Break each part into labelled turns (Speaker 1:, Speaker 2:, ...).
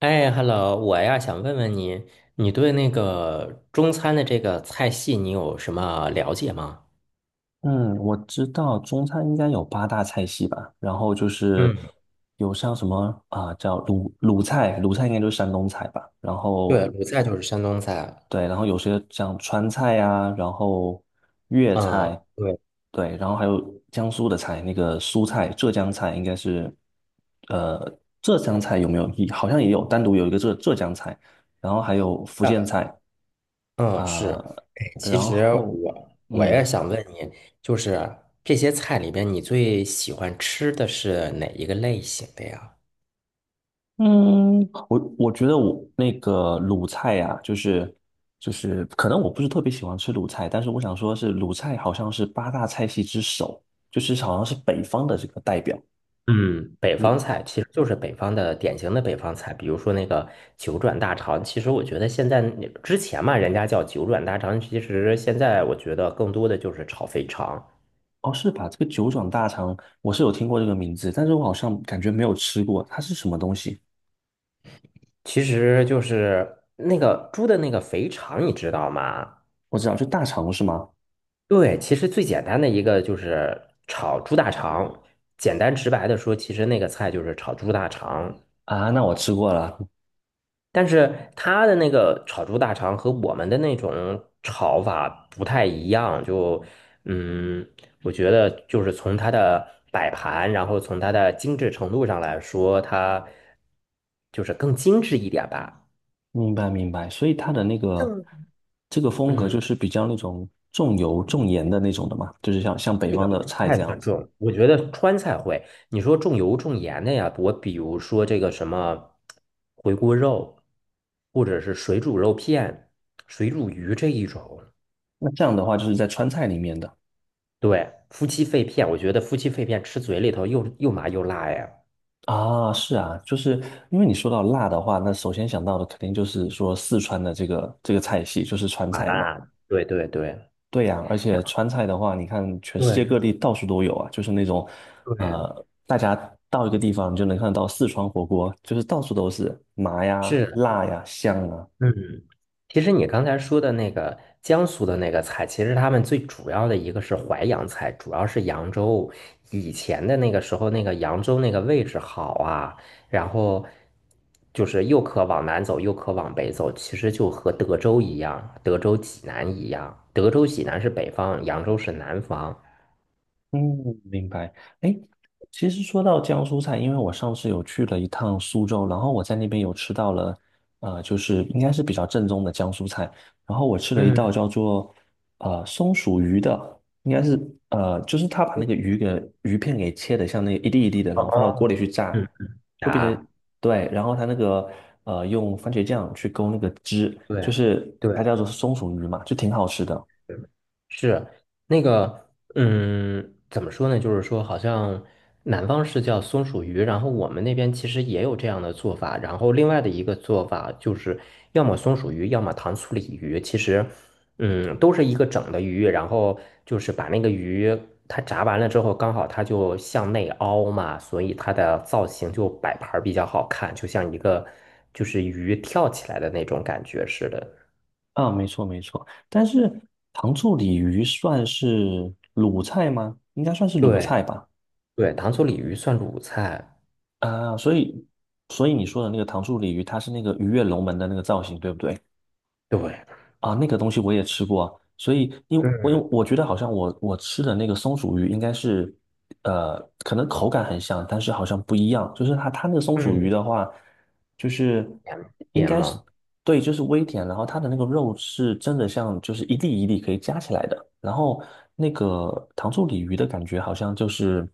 Speaker 1: 哎，hello，我想问问你，你对那个中餐的这个菜系你有什么了解吗？
Speaker 2: 嗯，我知道中餐应该有八大菜系吧，然后就是
Speaker 1: 嗯，
Speaker 2: 有像什么啊、叫鲁菜，鲁菜应该就是山东菜吧，然
Speaker 1: 对，
Speaker 2: 后
Speaker 1: 鲁菜就是山东菜。
Speaker 2: 对，然后有些像川菜呀、然后粤
Speaker 1: 嗯，
Speaker 2: 菜。
Speaker 1: 对，
Speaker 2: 对，然后还有江苏的菜，那个苏菜、浙江菜应该是，呃，浙江菜有没有？好像也有单独有一个浙江菜，然后还有福建菜
Speaker 1: 嗯，是。
Speaker 2: 啊、
Speaker 1: 哎，其
Speaker 2: 然
Speaker 1: 实
Speaker 2: 后
Speaker 1: 我也
Speaker 2: 嗯。
Speaker 1: 想问你，就是这些菜里边，你最喜欢吃的是哪一个类型的呀？
Speaker 2: 嗯，我觉得我那个鲁菜呀、就是可能我不是特别喜欢吃鲁菜，但是我想说是鲁菜好像是八大菜系之首，就是好像是北方的这个代表。
Speaker 1: 嗯，北
Speaker 2: 你
Speaker 1: 方菜其实就是北方的典型的北方菜，比如说那个九转大肠。其实我觉得现在你之前嘛，人家叫九转大肠，其实现在我觉得更多的就是炒肥肠，
Speaker 2: 哦，是吧？这个九转大肠我是有听过这个名字，但是我好像感觉没有吃过，它是什么东西？
Speaker 1: 其实就是那个猪的那个肥肠，你知道吗？
Speaker 2: 我知道，就大肠是吗？
Speaker 1: 对，其实最简单的一个就是炒猪大肠，简单直白的说，其实那个菜就是炒猪大肠。
Speaker 2: 啊，那我吃过了。
Speaker 1: 但是他的那个炒猪大肠和我们的那种炒法不太一样，嗯，我觉得就是从它的摆盘，然后从它的精致程度上来说，它就是更精致一点吧。
Speaker 2: 明白明白。所以它的那个这个风格
Speaker 1: 嗯，
Speaker 2: 就是比较那种重油重盐的那种的嘛，就是像北
Speaker 1: 这个
Speaker 2: 方
Speaker 1: 不
Speaker 2: 的菜
Speaker 1: 太
Speaker 2: 这样
Speaker 1: 算
Speaker 2: 子。
Speaker 1: 重，我觉得川菜会。你说重油重盐的呀，我比如说这个什么回锅肉，或者是水煮肉片、水煮鱼这一种。
Speaker 2: 那这样的话，就是在川菜里面的
Speaker 1: 对，夫妻肺片，我觉得夫妻肺片吃嘴里头又麻又辣呀，
Speaker 2: 啊，是啊，就是因为你说到辣的话，那首先想到的肯定就是说四川的这个菜系，就是川
Speaker 1: 麻
Speaker 2: 菜嘛。
Speaker 1: 辣，对对对
Speaker 2: 对呀，而且川菜的话，你看全世
Speaker 1: 对
Speaker 2: 界各地到处都有啊，就是那种，
Speaker 1: 对，
Speaker 2: 呃，大家到一个地方你就能看到四川火锅，就是到处都是麻呀、
Speaker 1: 是，
Speaker 2: 辣呀、香啊。
Speaker 1: 嗯，其实你刚才说的那个江苏的那个菜，其实他们最主要的一个是淮扬菜，主要是扬州以前的那个时候，那个扬州那个位置好啊，然后就是又可往南走，又可往北走，其实就和德州一样，德州济南一样，德州济南是北方，扬州是南方，
Speaker 2: 嗯，明白。哎，其实说到江苏菜，因为我上次有去了一趟苏州，然后我在那边有吃到了，就是应该是比较正宗的江苏菜。然后我吃了一道
Speaker 1: 嗯。
Speaker 2: 叫做松鼠鱼的，应该是就是他把那个鱼给鱼片给切的像那个一粒一粒的，然后放到锅里
Speaker 1: 哦，
Speaker 2: 去炸，
Speaker 1: 嗯，
Speaker 2: 会变成
Speaker 1: 答，
Speaker 2: 对，然后他那个用番茄酱去勾那个汁，
Speaker 1: 对
Speaker 2: 就
Speaker 1: 啊
Speaker 2: 是
Speaker 1: 对，
Speaker 2: 它叫做松鼠鱼嘛，就挺好吃的。
Speaker 1: 是那个，怎么说呢？就是说，好像南方是叫松鼠鱼，然后我们那边其实也有这样的做法。然后另外的一个做法就是，要么松鼠鱼，要么糖醋鲤鱼。其实，嗯，都是一个整的鱼，然后就是把那个鱼它炸完了之后，刚好它就向内凹嘛，所以它的造型就摆盘儿比较好看，就像一个就是鱼跳起来的那种感觉似的。
Speaker 2: 啊，没错没错，但是糖醋鲤鱼算是鲁菜吗？应该算是鲁
Speaker 1: 对
Speaker 2: 菜吧。
Speaker 1: 对，糖醋鲤鱼算鲁菜。
Speaker 2: 啊，所以所以你说的那个糖醋鲤鱼，它是那个鱼跃龙门的那个造型，对不对？
Speaker 1: 对，
Speaker 2: 啊，那个东西我也吃过啊，所以因为我因为
Speaker 1: 嗯
Speaker 2: 我觉得好像我吃的那个松鼠鱼应该是，呃，可能口感很像，但是好像不一样。就是它那个松鼠鱼
Speaker 1: 嗯，
Speaker 2: 的话，就是
Speaker 1: 两
Speaker 2: 应
Speaker 1: 点
Speaker 2: 该是
Speaker 1: 吗？
Speaker 2: 对，就是微甜，然后它的那个肉是真的像就是一粒一粒可以夹起来的，然后那个糖醋鲤鱼的感觉好像就是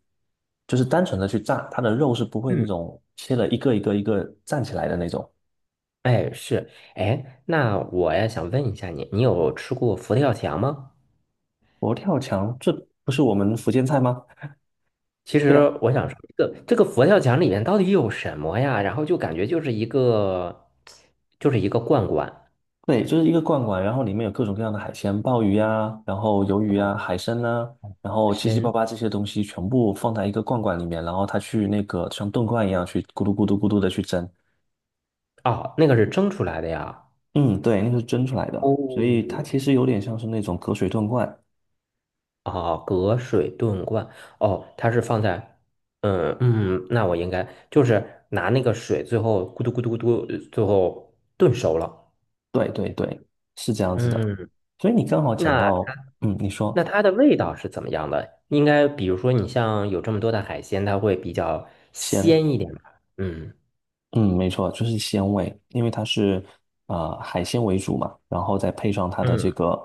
Speaker 2: 就是单纯的去炸，它的肉是不会那
Speaker 1: 嗯，
Speaker 2: 种切了一个站起来的那种。
Speaker 1: 哎是，哎，那我也想问一下你，你有吃过佛跳墙吗？
Speaker 2: 佛跳墙，这不是我们福建菜吗？
Speaker 1: 其
Speaker 2: 对
Speaker 1: 实
Speaker 2: 呀。
Speaker 1: 我想说，这个佛跳墙里面到底有什么呀？然后就感觉就是一个，就是一个罐罐，
Speaker 2: 对，就是一个罐罐，然后里面有各种各样的海鲜，鲍鱼呀，然后鱿鱼
Speaker 1: 哦，
Speaker 2: 呀，海参呐，然后七七八
Speaker 1: 身，
Speaker 2: 八这些东西全部放在一个罐罐里面，然后它去那个像炖罐一样去咕嘟咕嘟咕嘟的去蒸。
Speaker 1: 哦，那个是蒸出来的呀。
Speaker 2: 嗯，对，那是蒸出来的，所以它
Speaker 1: 哦，
Speaker 2: 其实有点像是那种隔水炖罐。
Speaker 1: 哦，隔水炖罐，哦，它是放在，嗯嗯，那我应该就是拿那个水，最后咕嘟咕嘟咕嘟，最后炖熟了。
Speaker 2: 对对对，是这样子的。
Speaker 1: 嗯，
Speaker 2: 所以你刚好讲
Speaker 1: 那
Speaker 2: 到，嗯，你说
Speaker 1: 那它的味道是怎么样的？应该比如说你像有这么多的海鲜，它会比较
Speaker 2: 先。
Speaker 1: 鲜一点吧？嗯
Speaker 2: 嗯，没错，就是鲜味，因为它是海鲜为主嘛，然后再配上它的这
Speaker 1: 嗯
Speaker 2: 个，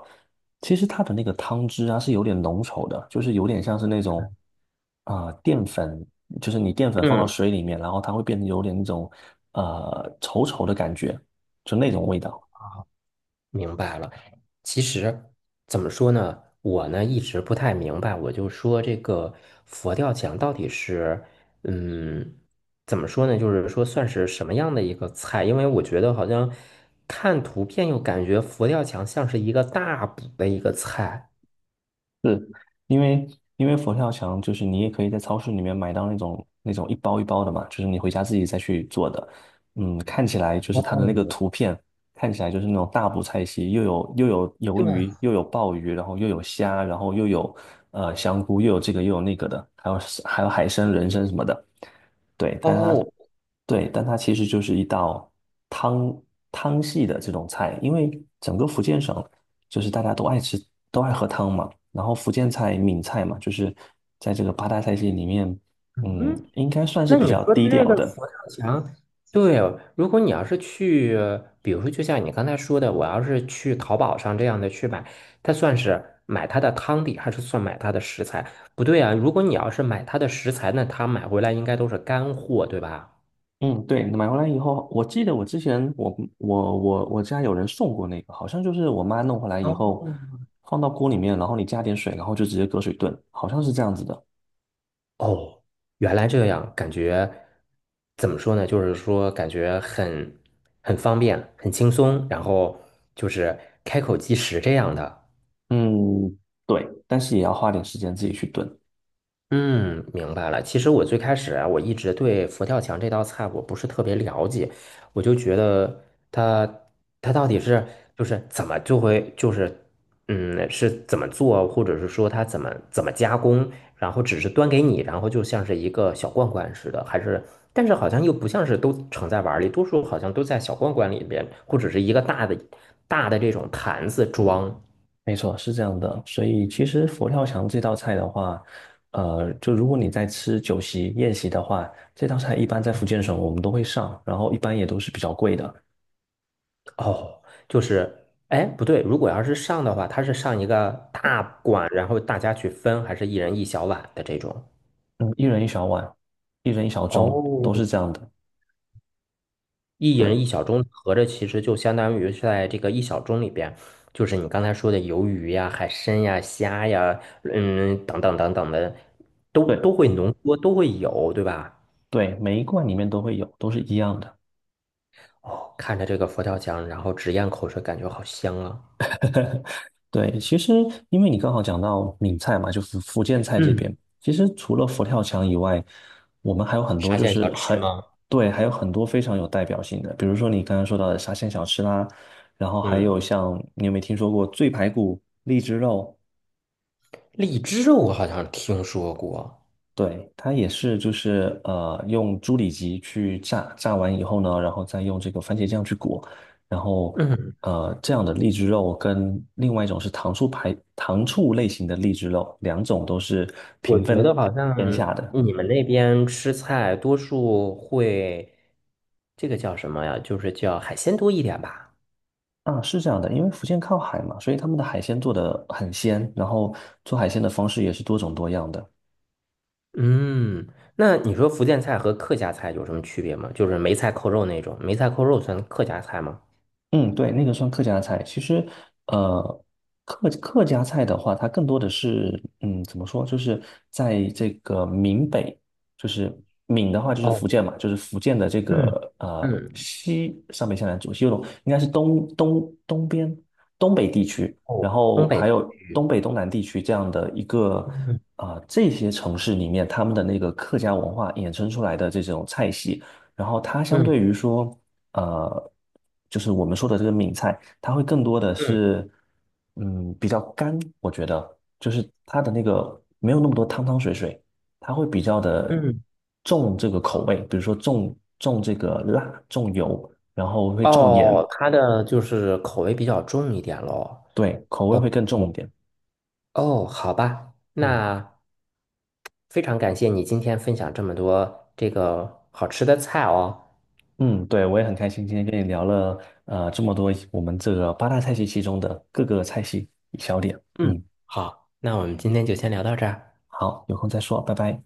Speaker 2: 其实它的那个汤汁啊是有点浓稠的，就是有点像是那种啊、淀粉，就是你淀粉放到
Speaker 1: 嗯，
Speaker 2: 水里面，然后它会变得有点那种稠稠的感觉，就那种味道。
Speaker 1: 明白了。其实怎么说呢，我呢一直不太明白，我就说这个佛跳墙到底是嗯怎么说呢？就是说算是什么样的一个菜？因为我觉得好像看图片又感觉佛跳墙像是一个大补的一个菜。
Speaker 2: 是因为佛跳墙就是你也可以在超市里面买到那种那种一包一包的嘛，就是你回家自己再去做的。嗯，看起来就是它的那个图
Speaker 1: 哦，
Speaker 2: 片，看起来就是那种大补菜系，又有鱿
Speaker 1: 对，
Speaker 2: 鱼，又有鲍鱼，然后又有虾，然后又有香菇，又有这个又有那个的，还有海参、人参什么的。对，但它
Speaker 1: 哦，
Speaker 2: 对，但它其实就是一道汤汤系的这种菜，因为整个福建省。就是大家都爱吃，都爱喝汤嘛。然后福建菜、闽菜嘛，就是在这个八大菜系里面，嗯，
Speaker 1: 嗯。
Speaker 2: 应该算是
Speaker 1: 那
Speaker 2: 比
Speaker 1: 你
Speaker 2: 较
Speaker 1: 说的
Speaker 2: 低
Speaker 1: 这
Speaker 2: 调
Speaker 1: 个
Speaker 2: 的。
Speaker 1: 佛跳墙，对哦，如果你要是去，比如说就像你刚才说的，我要是去淘宝上这样的去买，它算是买它的汤底，还是算买它的食材？不对啊，如果你要是买它的食材，那它买回来应该都是干货，对吧？
Speaker 2: 嗯，对，买回来以后，我记得我之前我家有人送过那个，好像就是我妈弄回来以
Speaker 1: 哦，
Speaker 2: 后，放到锅里面，然后你加点水，然后就直接隔水炖，好像是这样子的。
Speaker 1: 哦，原来这样，感觉怎么说呢？就是说感觉很很方便，很轻松，然后就是开口即食这样的。
Speaker 2: 嗯，对，但是也要花点时间自己去炖。
Speaker 1: 嗯，明白了。其实我最开始啊，我一直对佛跳墙这道菜我不是特别了解，我就觉得它它到底是就是怎么就会就是是怎么做，或者是说它怎么加工，然后只是端给你，然后就像是一个小罐罐似的，还是但是好像又不像是都盛在碗儿里，多数好像都在小罐罐里边，或者是一个大的大的这种坛子装。
Speaker 2: 没错，是这样的。所以其实佛跳墙这道菜的话，呃，就如果你在吃酒席宴席的话，这道菜一般在福建省我们都会上，然后一般也都是比较贵的，
Speaker 1: 哦，就是，哎，不对，如果要是上的话，它是上一个大碗，然后大家去分，还是一人一小碗的这种？
Speaker 2: 嗯，一人一小碗，一人一小盅，
Speaker 1: 哦，
Speaker 2: 都是这样的。
Speaker 1: 一人一
Speaker 2: 对
Speaker 1: 小盅，合着其实就相当于是在这个一小盅里边，就是你刚才说的鱿鱼呀、海参呀、虾呀，嗯，等等等等的，都
Speaker 2: 对
Speaker 1: 会浓缩，都会有，对吧？
Speaker 2: 对，每一罐里面都会有，都是一样的。
Speaker 1: 哦，看着这个佛跳墙，然后直咽口水，感觉好香啊。
Speaker 2: 对，其实因为你刚好讲到闽菜嘛，就是福建菜这
Speaker 1: 嗯，
Speaker 2: 边，其实除了佛跳墙以外，我们还有很多
Speaker 1: 沙
Speaker 2: 就
Speaker 1: 县小
Speaker 2: 是
Speaker 1: 吃
Speaker 2: 很，
Speaker 1: 吗？
Speaker 2: 对，还有很多非常有代表性的，比如说你刚刚说到的沙县小吃啦，然后还
Speaker 1: 嗯，
Speaker 2: 有像你有没有听说过醉排骨、荔枝肉？
Speaker 1: 荔枝我好像听说过。
Speaker 2: 对，它也是，就是用猪里脊去炸，炸完以后呢，然后再用这个番茄酱去裹，然后
Speaker 1: 嗯，
Speaker 2: 这样的荔枝肉跟另外一种是糖醋类型的荔枝肉，两种都是
Speaker 1: 我
Speaker 2: 平
Speaker 1: 觉得
Speaker 2: 分
Speaker 1: 好像
Speaker 2: 天下的。
Speaker 1: 你们那边吃菜多数会，这个叫什么呀？就是叫海鲜多一点吧。
Speaker 2: 啊，是这样的，因为福建靠海嘛，所以他们的海鲜做的很鲜，然后做海鲜的方式也是多种多样的。
Speaker 1: 嗯，那你说福建菜和客家菜有什么区别吗？就是梅菜扣肉那种，梅菜扣肉算客家菜吗？
Speaker 2: 嗯，对，那个算客家菜。其实，呃，客家菜的话，它更多的是，嗯，怎么说，就是在这个闽北，就是闽的话就是
Speaker 1: 哦，
Speaker 2: 福建嘛，就是福建的这
Speaker 1: 嗯
Speaker 2: 个
Speaker 1: 嗯，
Speaker 2: 西上北下南左西右东，应该是东边东北地区，
Speaker 1: 哦，
Speaker 2: 然
Speaker 1: 东
Speaker 2: 后
Speaker 1: 北，
Speaker 2: 还有东北东南地区这样的一个
Speaker 1: 嗯
Speaker 2: 啊、这些城市里面，他们的那个客家文化衍生出来的这种菜系。然后它相
Speaker 1: 嗯
Speaker 2: 对于说，呃，就是我们说的这个闽菜，它会更多的
Speaker 1: 嗯
Speaker 2: 是，嗯，比较干，我觉得，就是它的那个没有那么多汤汤水水，它会比较的
Speaker 1: 嗯，
Speaker 2: 重这个口味，比如说重这个辣，重油，然后会重盐，
Speaker 1: 哦，它的就是口味比较重一点喽。
Speaker 2: 对，口味
Speaker 1: 哦
Speaker 2: 会更重一点。
Speaker 1: 哦，好吧，
Speaker 2: 嗯
Speaker 1: 那非常感谢你今天分享这么多这个好吃的菜哦。
Speaker 2: 嗯，对，我也很开心今天跟你聊了这么多我们这个八大菜系其中的各个菜系小点。
Speaker 1: 嗯，
Speaker 2: 嗯，
Speaker 1: 好，那我们今天就先聊到这儿。
Speaker 2: 好，有空再说，拜拜。